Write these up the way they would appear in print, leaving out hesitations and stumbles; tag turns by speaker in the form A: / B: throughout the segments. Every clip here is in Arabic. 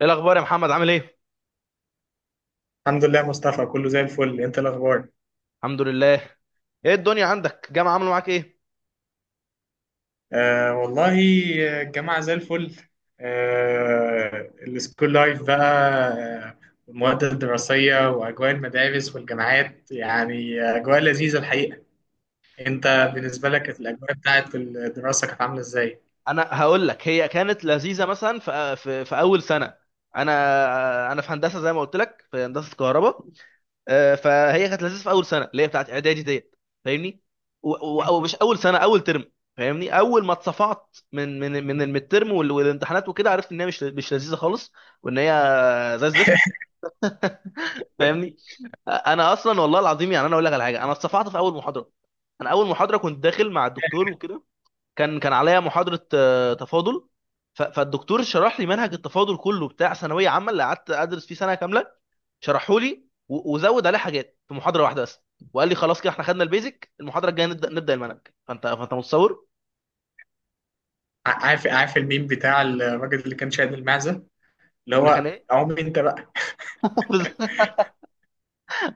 A: ايه الاخبار يا محمد؟ عامل ايه؟
B: الحمد لله مصطفى، كله زي الفل. انت الاخبار؟
A: الحمد لله. ايه الدنيا عندك؟ جامعه عامله معاك ايه؟
B: آه والله الجامعه زي الفل. آه السكول لايف بقى. آه، والمواد الدراسيه واجواء المدارس والجامعات يعني اجواء لذيذه الحقيقه. انت
A: انا
B: بالنسبه لك كانت الاجواء بتاعت الدراسه كانت عامله ازاي؟
A: انا هقول لك، هي كانت لذيذه مثلا في اول سنه. انا انا في هندسه، زي ما قلت لك، في هندسه كهرباء. فهي كانت لذيذه في اول سنه اللي هي بتاعت اعدادي ديت، فاهمني؟
B: م.
A: ومش اول سنه، اول ترم. فاهمني، اول ما اتصفعت من الميد ترم والامتحانات وكده، عرفت ان هي مش لذيذه خالص، وان هي زي الزفت، فاهمني. انا اصلا والله العظيم، يعني انا اقول لك على حاجه، انا اتصفعت في اول محاضره. انا اول محاضره كنت داخل مع الدكتور وكده، كان عليا محاضره تفاضل. فالدكتور شرح لي منهج التفاضل كله بتاع ثانويه عامه، اللي قعدت ادرس فيه سنه كامله، شرحه لي وزود عليه حاجات في محاضره واحده بس. وقال لي خلاص كده احنا خدنا البيزك، المحاضره الجايه نبدا المنهج. فانت متصور؟
B: عارف الميم بتاع الراجل اللي كان شايل المعزه، اللي
A: اللي
B: هو
A: كان ايه؟
B: عم انت بقى.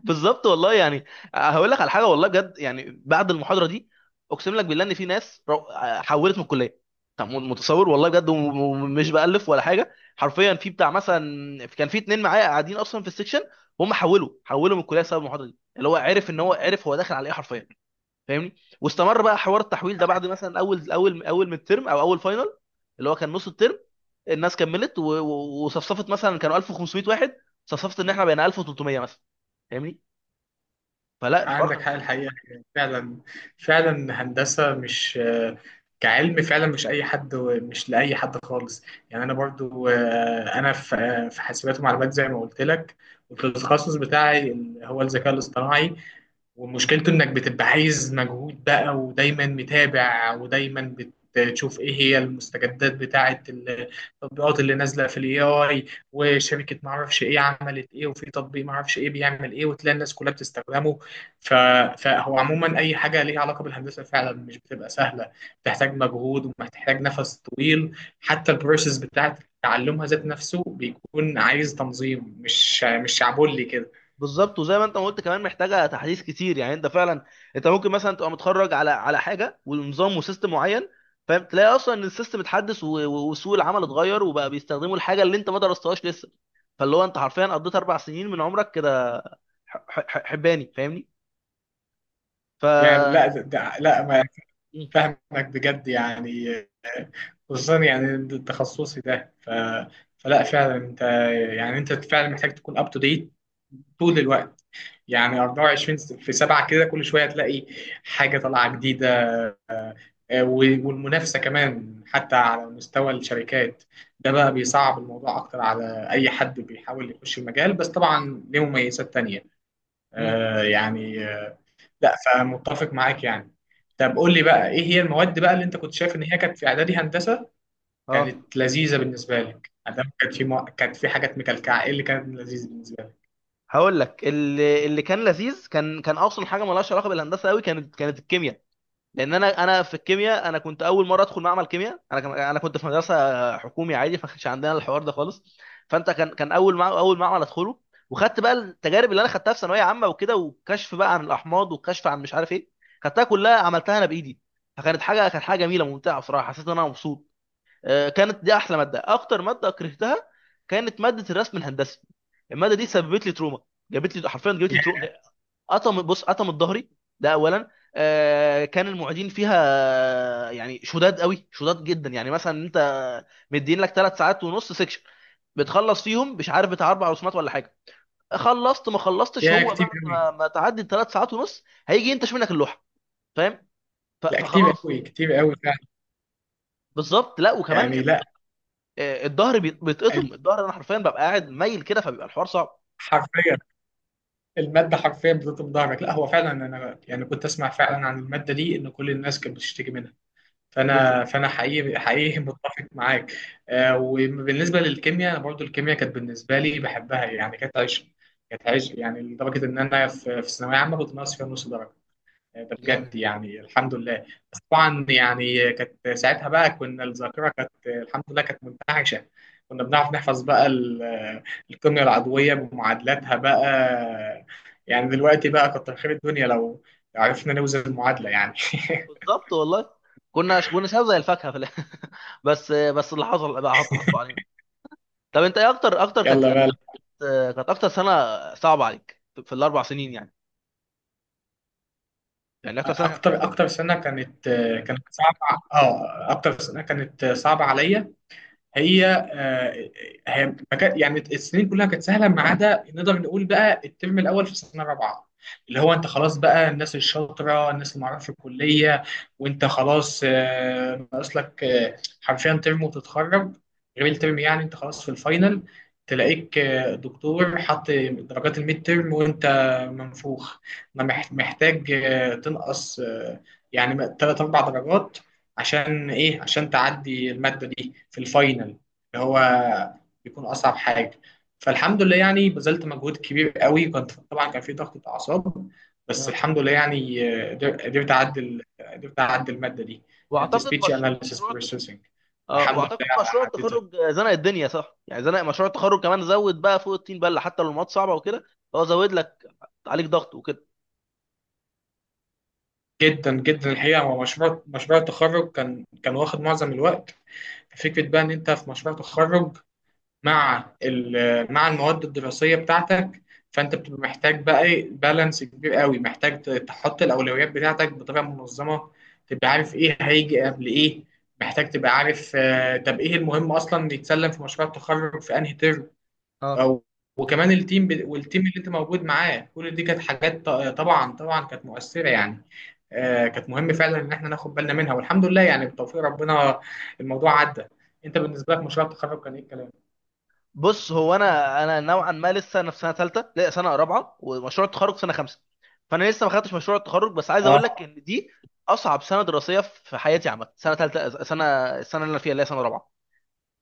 A: بالظبط والله، يعني هقول لك على حاجه والله بجد، يعني بعد المحاضره دي اقسم لك بالله ان في ناس حولت من الكليه. طب متصور والله بجد، ومش بألف ولا حاجه حرفيا، في بتاع مثلا كان في اتنين معايا قاعدين اصلا في السكشن، هم حولوا من الكليه بسبب المحاضره دي، اللي هو عرف ان هو، عرف هو داخل على ايه حرفيا، فاهمني؟ واستمر بقى حوار التحويل ده بعد مثلا اول من الترم، او اول فاينل اللي هو كان نص الترم. الناس كملت وصفصفت، مثلا كانوا 1500 واحد، صفصفت ان احنا بقينا 1300 مثلا، فاهمني؟ فلا الحوار
B: عندك
A: كان،
B: حق الحقيقة، فعلا فعلا هندسة مش كعلم فعلا، مش أي حد، مش لأي حد خالص. يعني أنا برضو أنا في في حاسبات ومعلومات زي ما قلت لك. والتخصص بتاعي هو الذكاء الاصطناعي. ومشكلته انك بتبقى عايز مجهود بقى ودايما متابع ودايما بتشوف ايه هي المستجدات بتاعه التطبيقات اللي نازله في الاي اي. وشركه ما اعرفش ايه عملت ايه، وفي تطبيق ما اعرفش ايه بيعمل ايه، وتلاقي الناس كلها بتستخدمه. ف... فهو عموما اي حاجه ليها علاقه بالهندسه فعلا مش بتبقى سهله، بتحتاج مجهود ومحتاج نفس طويل. حتى البروسيس بتاعه تعلمها ذات نفسه بيكون عايز تنظيم، مش شعبولي كده.
A: بالظبط. وزي ما انت ما قلت كمان، محتاجه تحديث كتير، يعني انت فعلا، انت ممكن مثلا تبقى متخرج على على حاجه ونظام وسيستم معين، فاهم؟ تلاقي اصلا ان السيستم اتحدث، وسوق العمل اتغير، وبقى بيستخدموا الحاجه اللي انت ما درستهاش لسه. فاللي هو انت حرفيا قضيت اربع سنين من عمرك كده حباني، فاهمني؟ ف
B: يعني لا ده لا،
A: مم.
B: فاهمك بجد يعني. خصوصا يعني تخصصي ده. فلا فعلا انت، يعني انت فعلا محتاج تكون اب تو ديت طول الوقت. يعني 24 في 7 كده كل شويه تلاقي حاجه طالعه جديده. آه، و- والمنافسه كمان حتى على مستوى الشركات ده بقى بيصعب الموضوع اكتر على اي حد بيحاول يخش المجال، بس طبعا ليه مميزات تانية.
A: مم، بالظبط.
B: يعني لا، فمتفق معاك يعني. طب قول
A: طب
B: لي
A: انت،
B: بقى ايه هي المواد بقى اللي انت كنت شايف ان هي كانت في اعدادي هندسه
A: اه،
B: كانت لذيذه بالنسبه لك؟ ادام كانت في كانت في حاجات مكلكعه، ايه اللي كانت لذيذه بالنسبه لك؟
A: هقول لك، اللي كان لذيذ، كان اصلا حاجه مالهاش علاقه بالهندسه قوي، كانت الكيمياء. لان انا في الكيمياء، انا كنت اول مره ادخل معمل كيمياء. انا كان انا كنت في مدرسه حكومي عادي، فما كانش عندنا الحوار ده خالص. فانت كان اول، مع اول معمل ادخله، وخدت بقى التجارب اللي انا خدتها في ثانويه عامه وكده، وكشف بقى عن الاحماض، وكشف عن مش عارف ايه، خدتها كلها، عملتها انا بايدي. فكانت حاجه، كانت حاجه جميله ممتعه بصراحه، حسيت ان انا مبسوط. كانت دي احلى ماده. اكتر ماده كرهتها كانت ماده الرسم الهندسي. الماده دي سببت لي تروما، جابت لي حرفيا جابت لي
B: يا
A: تروما. قطم، بص قطم الظهري، ده اولا. آه كان المعيدين فيها يعني شداد قوي، شداد جدا، يعني مثلا انت مدين لك ثلاث ساعات ونص سكشن، بتخلص فيهم مش عارف بتاع اربع رسومات ولا حاجه، خلصت ما خلصتش،
B: يا
A: هو
B: كتير
A: بعد
B: قوي.
A: ما تعدي الثلاث ساعات ونص هيجي ينتش منك اللوحه، فاهم؟
B: لا كتير
A: فخلاص.
B: قوي، كتير قوي فعلا،
A: بالظبط، لا وكمان
B: يعني لا
A: الظهر بيتقطم الظهر. انا حرفيا ببقى قاعد مايل كده، فبيبقى الحوار صعب.
B: حرفيا. الماده حرفيا بتضرب ظهرك. لا هو فعلا انا يعني كنت اسمع فعلا عن الماده دي ان كل الناس كانت بتشتكي منها.
A: بالظبط.
B: فانا حقيقي حقيقي متفق معاك. وبالنسبه للكيمياء انا برضو الكيمياء كانت بالنسبه لي بحبها، يعني كانت عشق. كانت عشق يعني لدرجه ان انا في ثانويه عامه كنت ناقص فيها نص درجه. ده
A: جامد.
B: بجد يعني الحمد لله. بس طبعا يعني كانت ساعتها بقى كنا الذاكره كانت الحمد لله كانت منتعشه. كنا بنعرف نحفظ بقى الكيمياء العضويه بمعادلاتها بقى. يعني دلوقتي بقى كتر خير الدنيا لو عرفنا نوزن المعادله يعني
A: بالظبط والله. كنا شباب زي الفاكهه في الآخر. بس اللي حصل بقى، حط، حطوا علينا. طب انت ايه اكتر، اكتر كانت
B: يلا بقى.
A: كانت كانت اكتر سنه صعبه عليك في الاربع سنين، يعني يعني اكتر سنه كان فيها
B: اكتر
A: شغل؟
B: اكتر سنه كانت، كانت صعبه، اه اكتر سنه كانت صعبه عليا هي. آه، هي ما كان- يعني السنين كلها كانت سهله ما عدا نقدر نقول بقى الترم الاول في سنه رابعه، اللي هو
A: آه.
B: انت خلاص بقى الناس الشاطره الناس اللي معرفه في الكليه. وانت خلاص ناقص لك حرفيا ترم وتتخرج. غير الترم يعني انت خلاص في الفاينل، تلاقيك دكتور حط درجات الميد ترم وانت منفوخ، ما مح- محتاج تنقص يعني ثلاث اربع درجات. عشان ايه؟ عشان تعدي المادة دي في الفاينل اللي هو بيكون اصعب حاجة. فالحمد لله يعني بذلت مجهود كبير قوي، كنت طبعا كان في ضغط اعصاب، بس
A: آه.
B: الحمد لله يعني قدرت اعدي قدرت اعدي المادة دي. كانت
A: واعتقد
B: speech
A: مش...
B: analysis
A: مشروع،
B: processing،
A: اه
B: والحمد لله
A: واعتقد مشروع
B: عديتها.
A: التخرج زنق الدنيا صح؟ يعني زنق مشروع التخرج كمان، زود بقى فوق الطين بله، حتى لو المواد صعبه وكده. هو زود لك عليك ضغط وكده.
B: جدا جدا الحقيقة هو مشروع التخرج كان كان واخد معظم الوقت. فكرة بقى إن أنت في مشروع تخرج مع مع المواد الدراسية بتاعتك، فأنت بتبقى محتاج بقى إيه بالانس كبير قوي، محتاج تحط الأولويات بتاعتك بطريقة منظمة، تبقى عارف إيه هيجي قبل إيه. محتاج تبقى عارف طب إيه المهم أصلا يتسلم في مشروع التخرج في أنهي ترم
A: اه،
B: أو. وكمان والتيم اللي أنت موجود معاه كل دي كانت حاجات طبعا طبعا كانت مؤثرة يعني. كانت مهم فعلا إن إحنا ناخد بالنا منها، والحمد لله يعني بتوفيق ربنا الموضوع عدى. أنت بالنسبة لك مشروع التخرج كان إيه الكلام؟
A: بص هو انا نوعا ما لسه، انا في سنه ثالثه، لا سنه رابعه، ومشروع التخرج سنه خمسه، فانا لسه ما خدتش مشروع التخرج. بس عايز اقول
B: اه
A: لك ان دي اصعب سنه دراسيه في حياتي عامه. سنه ثالثه، سنه، السنه اللي انا فيها اللي هي سنه رابعه،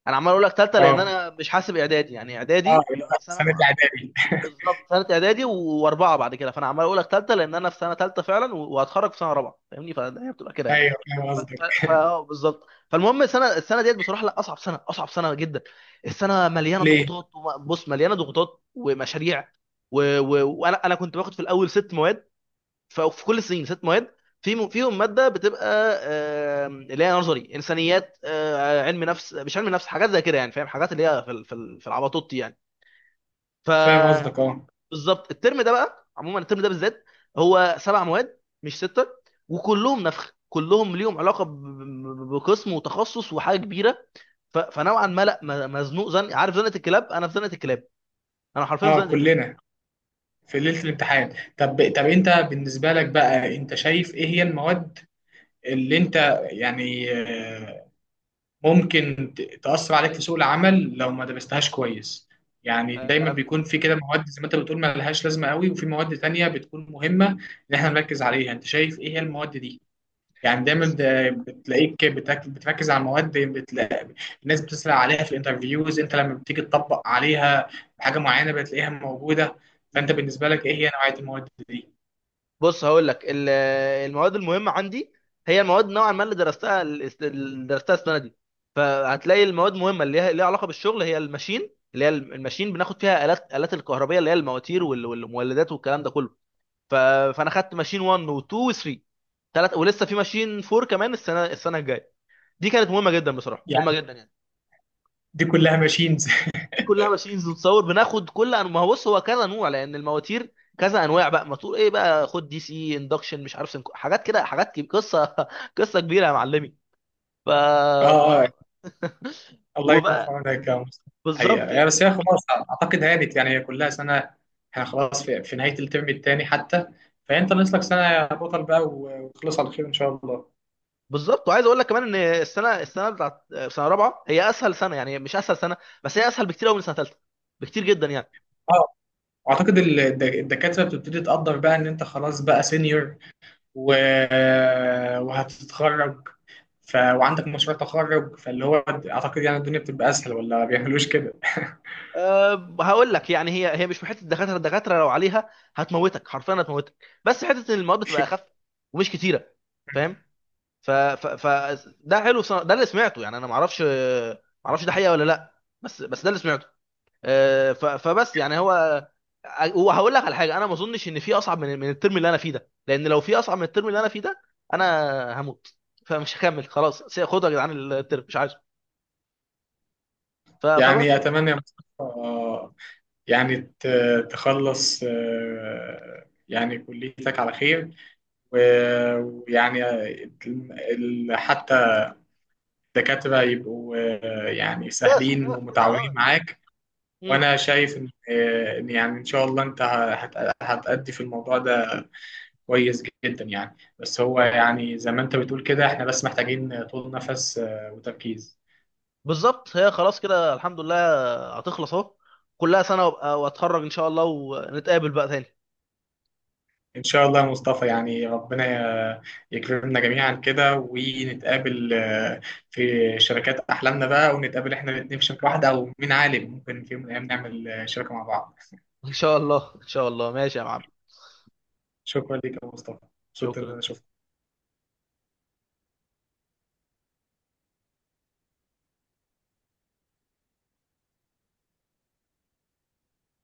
A: انا عمال اقول لك ثالثه لان
B: اه.
A: انا مش حاسب اعدادي، يعني
B: اه
A: اعدادي
B: اللي
A: بيبقى
B: هو
A: سنه
B: سنة إعدادي.
A: بالظبط، سنه اعدادي واربعه بعد كده، فانا عمال اقول لك ثالثه لان انا في سنه ثالثه فعلا، وهتخرج في سنه رابعه، فاهمني؟ فهي بتبقى كده يعني.
B: أيوه فاهم قصدك.
A: بالظبط. فالمهم، السنه ديت بصراحه، لا اصعب سنه، اصعب سنه جدا. السنه مليانه
B: ليه؟
A: ضغوطات، بص، مليانه ضغوطات ومشاريع. وانا، انا كنت باخد في الاول ست مواد، في كل السنين ست مواد، في فيهم ماده بتبقى اللي هي نظري انسانيات، علم نفس، مش علم نفس، حاجات زي كده يعني، فاهم، حاجات اللي هي في في العباطوط يعني.
B: فاهم قصدك
A: ف،
B: اه.
A: بالظبط. الترم ده بقى عموما، الترم ده بالذات هو سبع مواد مش سته، وكلهم نفخ، كلهم ليهم علاقه بقسم وتخصص وحاجه كبيره. فنوعا ما لا، مزنوق، زن، عارف زنقه الكلاب؟ انا في زنقه الكلاب، انا حرفيا في
B: اه
A: زنقه الكلاب.
B: كلنا في ليلة الامتحان. طب أنت بالنسبة لك بقى أنت شايف إيه هي المواد اللي أنت يعني ممكن تأثر عليك في سوق العمل لو ما درستهاش كويس؟ يعني دايما
A: أم،
B: بيكون في كده مواد زي ما أنت بتقول ما لهاش لازمة قوي، وفي مواد تانية بتكون مهمة إن إحنا نركز عليها. أنت شايف إيه هي المواد دي؟ يعني دايما
A: بس
B: ده بتلاقيك بتركز على المواد بتلاقي الناس بتسأل عليها في الانترفيوز، انت لما بتيجي تطبق عليها حاجة معينة بتلاقيها موجودة.
A: ال-
B: فانت بالنسبة لك ايه هي نوعية المواد دي؟
A: بص هقول لك، المواد المهمه عندي هي المواد نوعا ما اللي درستها اللي درستها السنه دي. فهتلاقي المواد مهمه، اللي هي ليها علاقه بالشغل، هي الماشين. اللي هي الماشين بناخد فيها الات، الات الكهربيه، اللي هي المواتير والمولدات والكلام ده كله. ف... فانا خدت ماشين 1 و2 و3، ثلاث، ولسه في ماشين 4 كمان السنه، السنه الجايه. دي كانت مهمه جدا بصراحه، مهمه
B: يعني
A: جدا يعني.
B: دي كلها ماشينز
A: كلها ماشينز، نتصور بناخد كل انواع، ما هو بص هو كذا نوع، لان المواتير كذا انواع بقى، موتور ايه بقى، خد دي سي، اندكشن، مش عارف سنكو. حاجات كده، حاجات قصه، قصه كبيره يا معلمي. ف،
B: اه اه،
A: ف،
B: الله يكون في
A: وبقى
B: عونك يا مصطفى. حقيقة
A: بالظبط
B: يعني
A: يعني.
B: بس هي خلاص اعتقد هانت، يعني هي كلها سنة. احنا خلاص في نهاية الترم الثاني حتى، فانت ناقص لك سنة يا بطل بقى وخلص على خير ان شاء الله.
A: بالظبط، وعايز اقول لك كمان ان السنه، السنه بتاعت سنه رابعه، هي اسهل سنه، يعني مش اسهل سنه، بس هي اسهل بكتير قوي من سنه ثالثه، بكتير جدا يعني.
B: اه اعتقد الدكاتره بتبتدي تقدر بقى ان انت خلاص بقى سينيور و... وهتتخرج. وعندك مشروع تخرج، فاللي هو اعتقد يعني الدنيا بتبقى اسهل، ولا ما بيعملوش كده؟
A: أه هقول لك، يعني هي، هي مش في حته الدكاتره، الدكاتره لو عليها هتموتك حرفيا، هتموتك. بس حته إن المواد بتبقى اخف ومش كتيره، فاهم؟ ف, ف, ف ده حلو، ده اللي سمعته يعني، انا ما اعرفش، ما اعرفش ده حقيقه ولا لا، بس ده اللي سمعته. أه فبس يعني هو، وهقول لك على حاجه، انا ما اظنش ان في اصعب من الترم اللي انا فيه ده، لان لو في اصعب من الترم اللي انا فيه ده، انا هموت، فمش هكمل خلاص، خدوا يا جدعان الترم مش عايزه.
B: يعني
A: فبس.
B: اتمنى يا مصطفى يعني تخلص يعني كليتك على خير و- ويعني حتى الدكاترة يبقوا يعني
A: زي
B: سهلين
A: سخفاف
B: ومتعاونين
A: كده.
B: معاك.
A: اه
B: وأنا شايف إن إن يعني إن شاء الله أنت هتأدي في الموضوع ده كويس جدا. يعني بس هو يعني زي ما انت بتقول كده احنا بس محتاجين طول نفس وتركيز.
A: بالظبط. هي خلاص كده الحمد لله، هتخلص اهو، كلها سنة وابقى واتخرج ان شاء الله، ونتقابل بقى تاني.
B: ان شاء الله يا مصطفى، يعني ربنا ي- يكرمنا جميعا كده ونتقابل في شركات احلامنا بقى، ونتقابل احنا الاثنين في شركة واحدة، او مين عالم ممكن في يوم من الايام نعمل شركة مع بعض
A: ان شاء الله ان شاء الله، ماشي يا معلم.
B: شكرا ليك يا مصطفى، مبسوط ان
A: شكرا.
B: انا شفتك.